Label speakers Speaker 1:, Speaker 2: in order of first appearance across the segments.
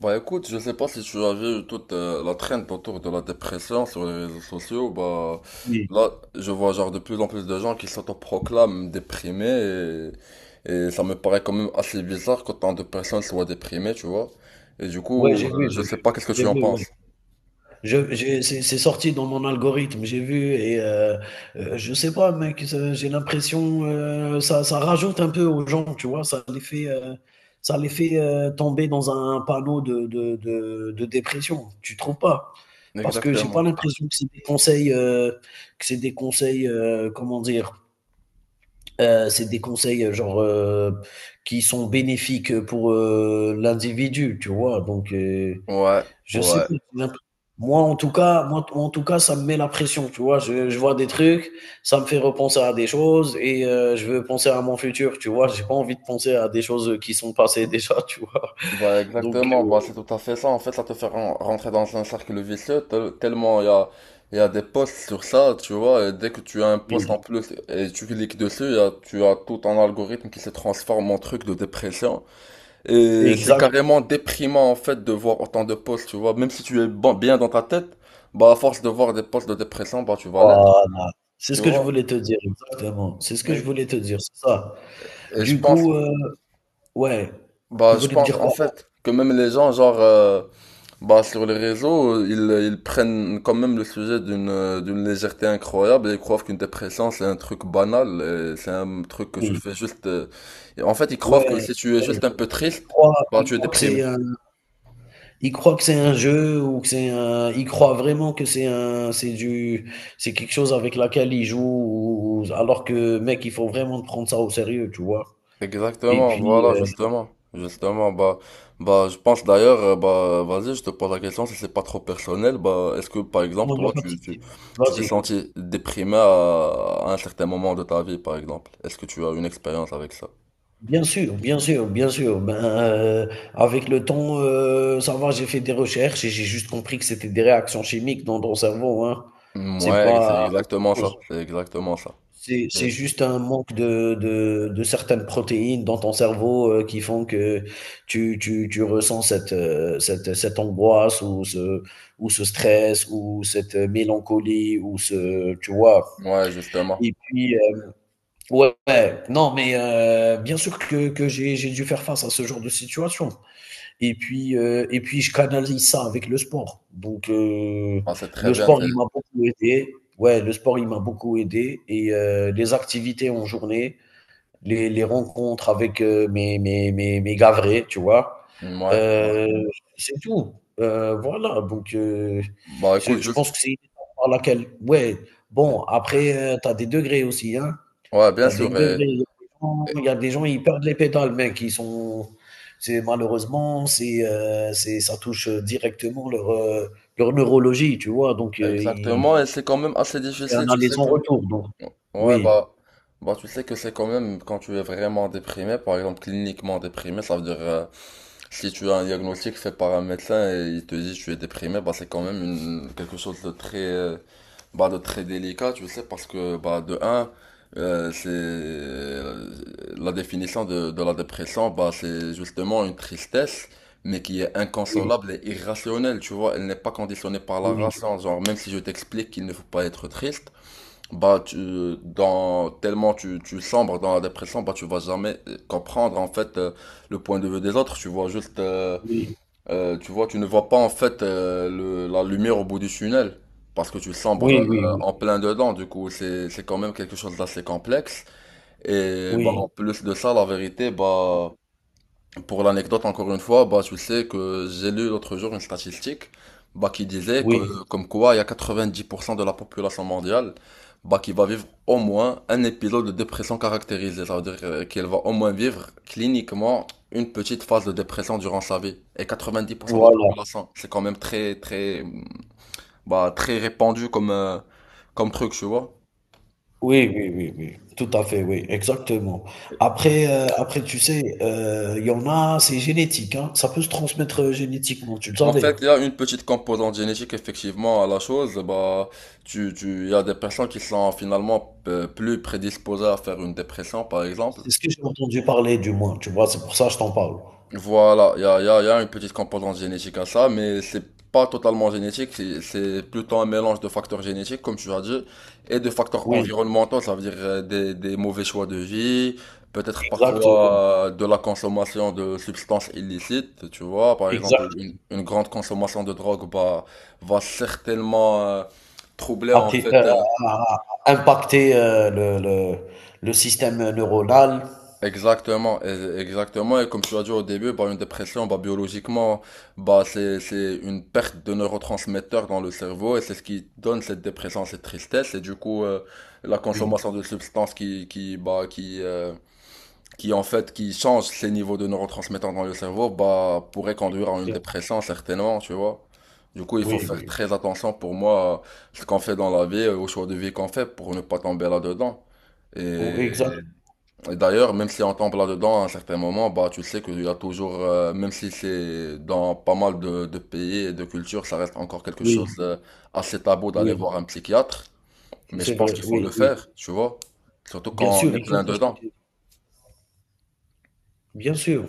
Speaker 1: Bah écoute, je sais pas si tu as vu toute la traîne autour de la dépression sur les réseaux sociaux, bah
Speaker 2: Oui.
Speaker 1: là je vois genre de plus en plus de gens qui s'autoproclament déprimés et ça me paraît quand même assez bizarre qu'autant de personnes soient déprimées, tu vois. Et du
Speaker 2: Ouais,
Speaker 1: coup,
Speaker 2: j'ai vu,
Speaker 1: je
Speaker 2: j'ai
Speaker 1: sais
Speaker 2: vu.
Speaker 1: pas qu'est-ce que tu
Speaker 2: J'ai
Speaker 1: en
Speaker 2: vu, ouais.
Speaker 1: penses.
Speaker 2: Je j'ai c'est sorti dans mon algorithme, j'ai vu et je sais pas mec, ça j'ai l'impression, ça rajoute un peu aux gens, tu vois? Ça les fait, tomber dans un panneau de dépression, tu trouves pas? Parce que j'ai pas
Speaker 1: Exactement.
Speaker 2: l'impression que c'est des conseils, que c'est des conseils, comment dire? C'est des conseils, genre, qui sont bénéfiques, pour, l'individu, tu vois? Donc
Speaker 1: Ouais,
Speaker 2: je sais pas,
Speaker 1: ouais.
Speaker 2: moi en tout cas, ça me met la pression, tu vois? Je vois des trucs, ça me fait repenser à des choses et je veux penser à mon futur, tu vois? J'ai pas envie de penser à des choses qui sont passées déjà, tu vois?
Speaker 1: Bah
Speaker 2: Donc
Speaker 1: exactement, bah c'est tout à fait ça. En fait, ça te fait rentrer dans un cercle vicieux tellement il y a- des posts sur ça, tu vois. Et dès que tu as un post en
Speaker 2: oui,
Speaker 1: plus et tu cliques dessus, tu as tout un algorithme qui se transforme en truc de dépression. Et c'est
Speaker 2: exact,
Speaker 1: carrément déprimant en fait de voir autant de posts, tu vois. Même si tu es bien dans ta tête, bah à force de voir des posts de dépression, bah tu vas l'être,
Speaker 2: voilà. C'est
Speaker 1: tu
Speaker 2: ce que je
Speaker 1: vois.
Speaker 2: voulais te dire, exactement. C'est ce que je
Speaker 1: Et,
Speaker 2: voulais te dire, c'est ça.
Speaker 1: et je
Speaker 2: Du
Speaker 1: pense,
Speaker 2: coup, ouais, tu
Speaker 1: bah je
Speaker 2: voulais me
Speaker 1: pense
Speaker 2: dire
Speaker 1: en
Speaker 2: quoi?
Speaker 1: fait que même les gens genre. Bah, sur les réseaux, ils prennent quand même le sujet d'une d'une légèreté incroyable et ils croient qu'une dépression c'est un truc banal, et c'est un truc que tu
Speaker 2: Oui,
Speaker 1: fais juste. Et en fait, ils croient que
Speaker 2: ouais,
Speaker 1: si tu
Speaker 2: c'est
Speaker 1: es
Speaker 2: vrai.
Speaker 1: juste un peu
Speaker 2: Ils
Speaker 1: triste,
Speaker 2: croient
Speaker 1: bah
Speaker 2: ils
Speaker 1: tu es
Speaker 2: croient que
Speaker 1: déprimé.
Speaker 2: c'est un. Ils croient que c'est un jeu ou que c'est un. Ils croient vraiment que c'est un, c'est du, c'est quelque chose avec laquelle ils jouent, alors que mec, il faut vraiment prendre ça au sérieux, tu vois? Et
Speaker 1: Exactement,
Speaker 2: puis,
Speaker 1: voilà, justement, justement. Bah, je pense d'ailleurs, bah, vas-y, je te pose la question si c'est pas trop personnel. Bah, est-ce que par exemple,
Speaker 2: non, il y a
Speaker 1: toi,
Speaker 2: pas de
Speaker 1: tu tu
Speaker 2: souci.
Speaker 1: tu t'es
Speaker 2: Vas-y.
Speaker 1: senti déprimé à un certain moment de ta vie, par exemple? Est-ce que tu as une expérience avec ça?
Speaker 2: Bien sûr, bien sûr, bien sûr. Ben, heu, avec le temps, ça va, j'ai fait des recherches et j'ai juste compris que c'était des réactions chimiques dans ton cerveau, hein.
Speaker 1: Mm,
Speaker 2: C'est
Speaker 1: ouais, c'est
Speaker 2: pas autre
Speaker 1: exactement
Speaker 2: chose.
Speaker 1: ça. C'est exactement ça.
Speaker 2: C'est
Speaker 1: Et-
Speaker 2: c'est juste un manque de certaines protéines dans ton cerveau, qui font que tu ressens cette, cette angoisse ou ce stress ou cette mélancolie ou ce tu vois?
Speaker 1: ouais, justement.
Speaker 2: Et puis, ouais, ouais, non mais, bien sûr que j'ai dû faire face à ce genre de situation. Et puis, et puis je canalise ça avec le sport. Donc
Speaker 1: Ah, c'est très
Speaker 2: le
Speaker 1: bien.
Speaker 2: sport,
Speaker 1: C'est.
Speaker 2: il m'a beaucoup aidé. Ouais, le sport, il m'a beaucoup aidé et les activités en journée, les rencontres avec, mes gars vrais, tu vois?
Speaker 1: Mm, ouais, ouais.
Speaker 2: Heu, c'est tout. Voilà, donc
Speaker 1: Bah écoute,
Speaker 2: je pense
Speaker 1: juste.
Speaker 2: que c'est une étape par laquelle ouais, bon après, tu as des degrés aussi, hein?
Speaker 1: Ouais, bien
Speaker 2: T'as des
Speaker 1: sûr.
Speaker 2: degrés. Il
Speaker 1: Et-
Speaker 2: y a des gens, il y a des gens, ils perdent les pédales, mec. Ils sont, c'est malheureusement, c'est, ça touche directement leur, leur neurologie, tu vois? Donc, ils
Speaker 1: Exactement. Et c'est quand même assez
Speaker 2: c'est
Speaker 1: difficile.
Speaker 2: un
Speaker 1: Tu
Speaker 2: aller
Speaker 1: sais
Speaker 2: sans
Speaker 1: que.
Speaker 2: retour, donc
Speaker 1: Ouais,
Speaker 2: oui,
Speaker 1: bah, tu sais que c'est quand même quand tu es vraiment déprimé, par exemple cliniquement déprimé, ça veut dire si tu as un diagnostic fait par un médecin et il te dit tu es déprimé, bah, c'est quand même une, quelque chose de très, bah, de très délicat, tu sais, parce que bah, de un, c'est la définition de la dépression, bah, c'est justement une tristesse, mais qui est
Speaker 2: oui,
Speaker 1: inconsolable et irrationnelle, tu vois, elle n'est pas conditionnée par la
Speaker 2: oui,
Speaker 1: raison, genre même si je t'explique qu'il ne faut pas être triste. Bah, tellement tu sombres dans la dépression, bah, tu vas jamais comprendre, en fait, le point de vue des autres. Tu vois juste,
Speaker 2: oui,
Speaker 1: tu vois, tu ne vois pas, en fait, la lumière au bout du tunnel. Parce que tu sombres
Speaker 2: oui, oui, oui,
Speaker 1: en plein dedans, du coup, c'est quand même quelque chose d'assez complexe. Et, bah,
Speaker 2: oui,
Speaker 1: en plus de ça, la vérité, bah, pour l'anecdote, encore une fois, bah, tu sais que j'ai lu l'autre jour une statistique bah, qui disait
Speaker 2: oui,
Speaker 1: que comme quoi il y a 90% de la population mondiale bah, qui va vivre au moins un épisode de dépression caractérisée. Ça veut dire qu'elle va au moins vivre cliniquement une petite phase de dépression durant sa vie. Et 90% de la
Speaker 2: voilà,
Speaker 1: population, c'est quand même très, très, bah, très répandu comme truc, tu vois.
Speaker 2: oui, oui, oui, oui, tout à fait, oui, exactement. Après, après, tu sais, il y en a, c'est génétique, hein. Ça peut se transmettre, génétiquement, tu le
Speaker 1: En
Speaker 2: savais?
Speaker 1: fait, il y a une petite composante génétique effectivement à la chose. Bah, il y a des personnes qui sont finalement plus prédisposées à faire une dépression, par exemple.
Speaker 2: C'est ce que j'ai entendu parler du moins, tu vois? C'est pour ça que je t'en parle.
Speaker 1: Voilà, il y a une petite composante génétique à ça, mais c'est pas totalement génétique, c'est plutôt un mélange de facteurs génétiques, comme tu as dit, et de facteurs
Speaker 2: Oui,
Speaker 1: environnementaux, ça veut dire des mauvais choix de vie, peut-être
Speaker 2: exact,
Speaker 1: parfois de la consommation de substances illicites, tu vois, par exemple,
Speaker 2: exact.
Speaker 1: une grande consommation de drogue bah, va certainement troubler en
Speaker 2: Athé-
Speaker 1: fait.
Speaker 2: euh, à impacter, le le système neuronal.
Speaker 1: Exactement, exactement. Et comme tu as dit au début, bah, une dépression, bah, biologiquement, bah, c'est une perte de neurotransmetteurs dans le cerveau et c'est ce qui donne cette dépression, cette tristesse. Et du coup, la consommation
Speaker 2: Oui,
Speaker 1: de substances qui, bah, qui en fait, qui change ces niveaux de neurotransmetteurs dans le cerveau, bah, pourrait conduire à une
Speaker 2: exactement.
Speaker 1: dépression, certainement, tu vois. Du coup, il
Speaker 2: Oui,
Speaker 1: faut faire
Speaker 2: oui,
Speaker 1: très attention pour moi à ce qu'on fait dans la vie, au choix de vie qu'on fait pour ne pas tomber là-dedans. Et
Speaker 2: oui, exact.
Speaker 1: et d'ailleurs, même si on tombe là-dedans à un certain moment, bah, tu sais qu'il y a toujours, même si c'est dans pas mal de pays et de cultures, ça reste encore quelque chose
Speaker 2: Oui,
Speaker 1: d'assez tabou d'aller
Speaker 2: oui,
Speaker 1: voir un psychiatre. Mais je
Speaker 2: c'est
Speaker 1: pense
Speaker 2: vrai,
Speaker 1: qu'il faut le
Speaker 2: oui, oui.
Speaker 1: faire, tu vois. Surtout
Speaker 2: Bien
Speaker 1: quand on
Speaker 2: sûr,
Speaker 1: est
Speaker 2: il faut
Speaker 1: plein dedans.
Speaker 2: consulter. Bien sûr.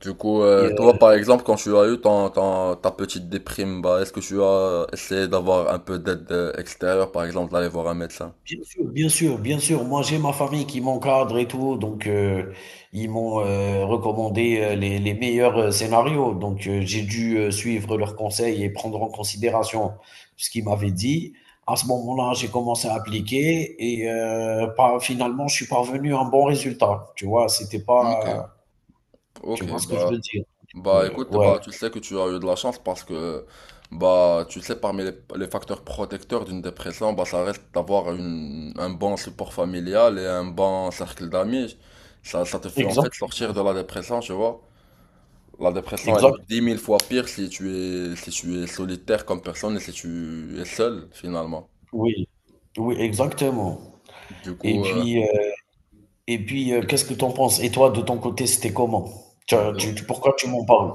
Speaker 1: Du coup, toi, par exemple, quand tu as eu ton, ta petite déprime, bah, est-ce que tu as essayé d'avoir un peu d'aide extérieure, par exemple, d'aller voir un médecin?
Speaker 2: Bien sûr, bien sûr, bien sûr. Moi, j'ai ma famille qui m'encadre et tout, donc ils m'ont recommandé les meilleurs scénarios. Donc, j'ai dû suivre leurs conseils et prendre en considération ce qu'ils m'avaient dit. À ce moment-là, j'ai commencé à appliquer et finalement, je suis parvenu à un bon résultat. Tu vois, c'était
Speaker 1: Ok,
Speaker 2: pas, tu
Speaker 1: ok,
Speaker 2: vois ce que je
Speaker 1: bah.
Speaker 2: veux dire.
Speaker 1: Bah
Speaker 2: Euh,
Speaker 1: écoute,
Speaker 2: ouais,
Speaker 1: bah tu sais que tu as eu de la chance parce que bah tu sais parmi les facteurs protecteurs d'une dépression, bah ça reste d'avoir un bon support familial et un bon cercle d'amis. Ça te fait en
Speaker 2: exact,
Speaker 1: fait sortir de la dépression, tu vois. La dépression est
Speaker 2: exact,
Speaker 1: 10 000 fois pire si tu es solitaire comme personne et si tu es seul finalement.
Speaker 2: oui, oui, exactement.
Speaker 1: Du
Speaker 2: Et
Speaker 1: coup,
Speaker 2: puis. euh, Et puis, qu'est-ce que tu en penses? Et toi, de ton côté, c'était comment? Tu as
Speaker 1: bah,
Speaker 2: tu tu pourquoi tu m'en parles?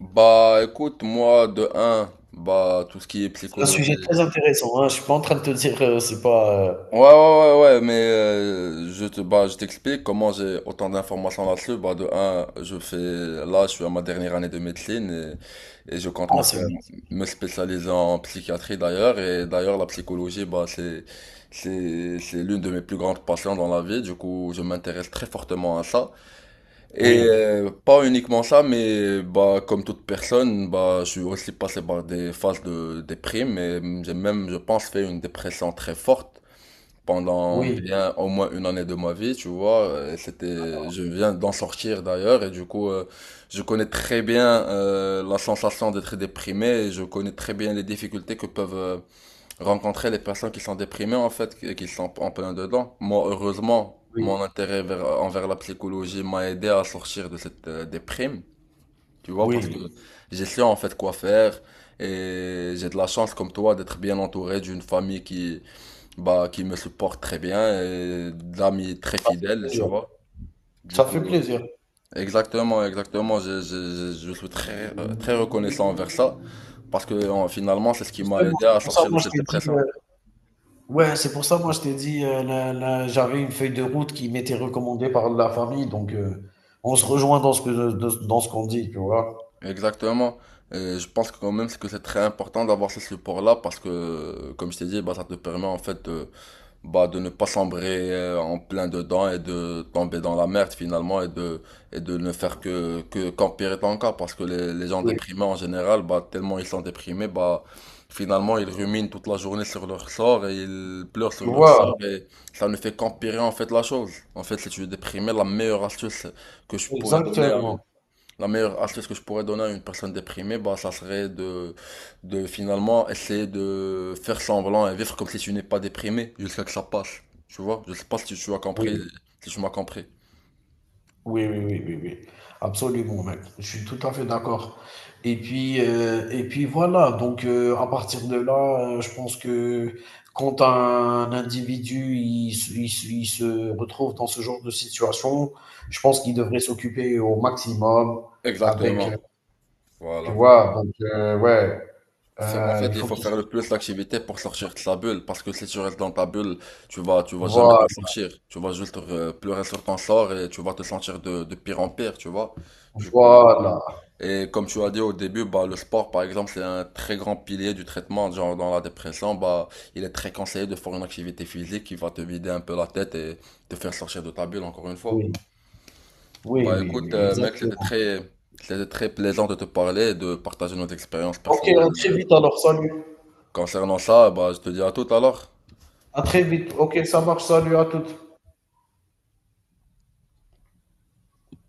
Speaker 1: bah, écoute, moi de un, bah tout ce qui est
Speaker 2: C'est un
Speaker 1: psychologie.
Speaker 2: sujet très intéressant, hein. Je suis pas en train de te dire, c'est pas,
Speaker 1: Ouais, ouais, ouais, ouais, mais bah, je t'explique comment j'ai autant d'informations là-dessus. Bah, de un, là, je suis à ma dernière année de médecine et je compte
Speaker 2: ah, c'est bien.
Speaker 1: me spécialiser en psychiatrie d'ailleurs. Et d'ailleurs, la psychologie, bah, c'est l'une de mes plus grandes passions dans la vie. Du coup, je m'intéresse très fortement à ça. Et
Speaker 2: Oui,
Speaker 1: pas uniquement ça, mais bah, comme toute personne, bah, je suis aussi passé par des phases de déprime et j'ai même, je pense, fait une dépression très forte pendant
Speaker 2: oui,
Speaker 1: bien au moins une année de ma vie, tu vois. Je viens d'en sortir d'ailleurs et du coup, je connais très bien la sensation d'être déprimé et je connais très bien les difficultés que peuvent rencontrer les personnes qui sont déprimées en fait, et qui sont en plein dedans. Moi, heureusement,
Speaker 2: oui,
Speaker 1: mon intérêt envers la psychologie m'a aidé à sortir de cette déprime, tu vois, parce que
Speaker 2: oui,
Speaker 1: j'ai su en fait quoi faire et j'ai de la chance comme toi d'être bien entouré d'une famille qui bah, qui me supporte très bien et d'amis très
Speaker 2: ça fait
Speaker 1: fidèles, tu
Speaker 2: plaisir,
Speaker 1: vois. Du
Speaker 2: ça fait
Speaker 1: coup,
Speaker 2: plaisir.
Speaker 1: exactement, exactement, je suis très, très reconnaissant envers ça parce que finalement, c'est ce qui m'a
Speaker 2: Justement,
Speaker 1: aidé
Speaker 2: c'est
Speaker 1: à
Speaker 2: pour ça,
Speaker 1: sortir de
Speaker 2: moi, je
Speaker 1: cette
Speaker 2: t'ai dit,
Speaker 1: dépression.
Speaker 2: ouais, c'est pour ça, moi, je t'ai dit, la j'avais une feuille de route qui m'était recommandée par la famille, donc on se rejoint dans ce que de dans ce qu'on dit, tu vois?
Speaker 1: Exactement. Et je pense quand même que c'est très important d'avoir ce support-là parce que, comme je t'ai dit, bah, ça te permet en fait de, bah, de ne pas sombrer en plein dedans et de tomber dans la merde finalement et de ne faire que, qu'empirer ton cas parce que les gens
Speaker 2: Oui,
Speaker 1: déprimés en général, bah, tellement ils sont déprimés, bah, finalement ils ruminent toute la journée sur leur sort et ils pleurent
Speaker 2: tu
Speaker 1: sur leur
Speaker 2: vois?
Speaker 1: sort et ça ne fait qu'empirer en fait la chose. En fait, si tu es déprimé, que je pourrais donner à
Speaker 2: Exactement,
Speaker 1: la meilleure astuce que je pourrais donner à une personne déprimée, bah, ça serait de, finalement essayer de faire semblant et vivre comme si tu n'es pas déprimé jusqu'à que ça passe. Tu vois? Je sais pas si tu as compris,
Speaker 2: oui.
Speaker 1: si tu m'as compris.
Speaker 2: Oui, oui, oui, oui, oui. Absolument, mec. Je suis tout à fait d'accord. Et puis voilà. Donc, à partir de là, je pense que quand un individu il se retrouve dans ce genre de situation, je pense qu'il devrait s'occuper au maximum avec,
Speaker 1: Exactement.
Speaker 2: tu
Speaker 1: Voilà.
Speaker 2: vois, donc, ouais,
Speaker 1: En fait,
Speaker 2: il
Speaker 1: il
Speaker 2: faut
Speaker 1: faut
Speaker 2: qu'il
Speaker 1: faire le
Speaker 2: s'occupe.
Speaker 1: plus d'activités pour sortir de sa bulle, parce que si tu restes dans ta bulle, tu vas jamais t'en
Speaker 2: Voilà,
Speaker 1: sortir. Tu vas juste pleurer sur ton sort et tu vas te sentir de pire en pire, tu vois. Du coup,
Speaker 2: voilà.
Speaker 1: et comme tu as dit au début, bah, le sport, par exemple, c'est un très grand pilier du traitement. Genre, dans la dépression, bah, il est très conseillé de faire une activité physique qui va te vider un peu la tête et te faire sortir de ta bulle, encore une fois.
Speaker 2: Oui, oui,
Speaker 1: Bah,
Speaker 2: oui,
Speaker 1: écoute,
Speaker 2: oui,
Speaker 1: mec, c'était
Speaker 2: exactement.
Speaker 1: très, c'était très plaisant de te parler et de partager nos expériences
Speaker 2: Ok,
Speaker 1: personnelles.
Speaker 2: à très vite alors, salut.
Speaker 1: Concernant ça, bah, je te dis à tout alors.
Speaker 2: À très vite. Ok, ça marche, salut à toutes.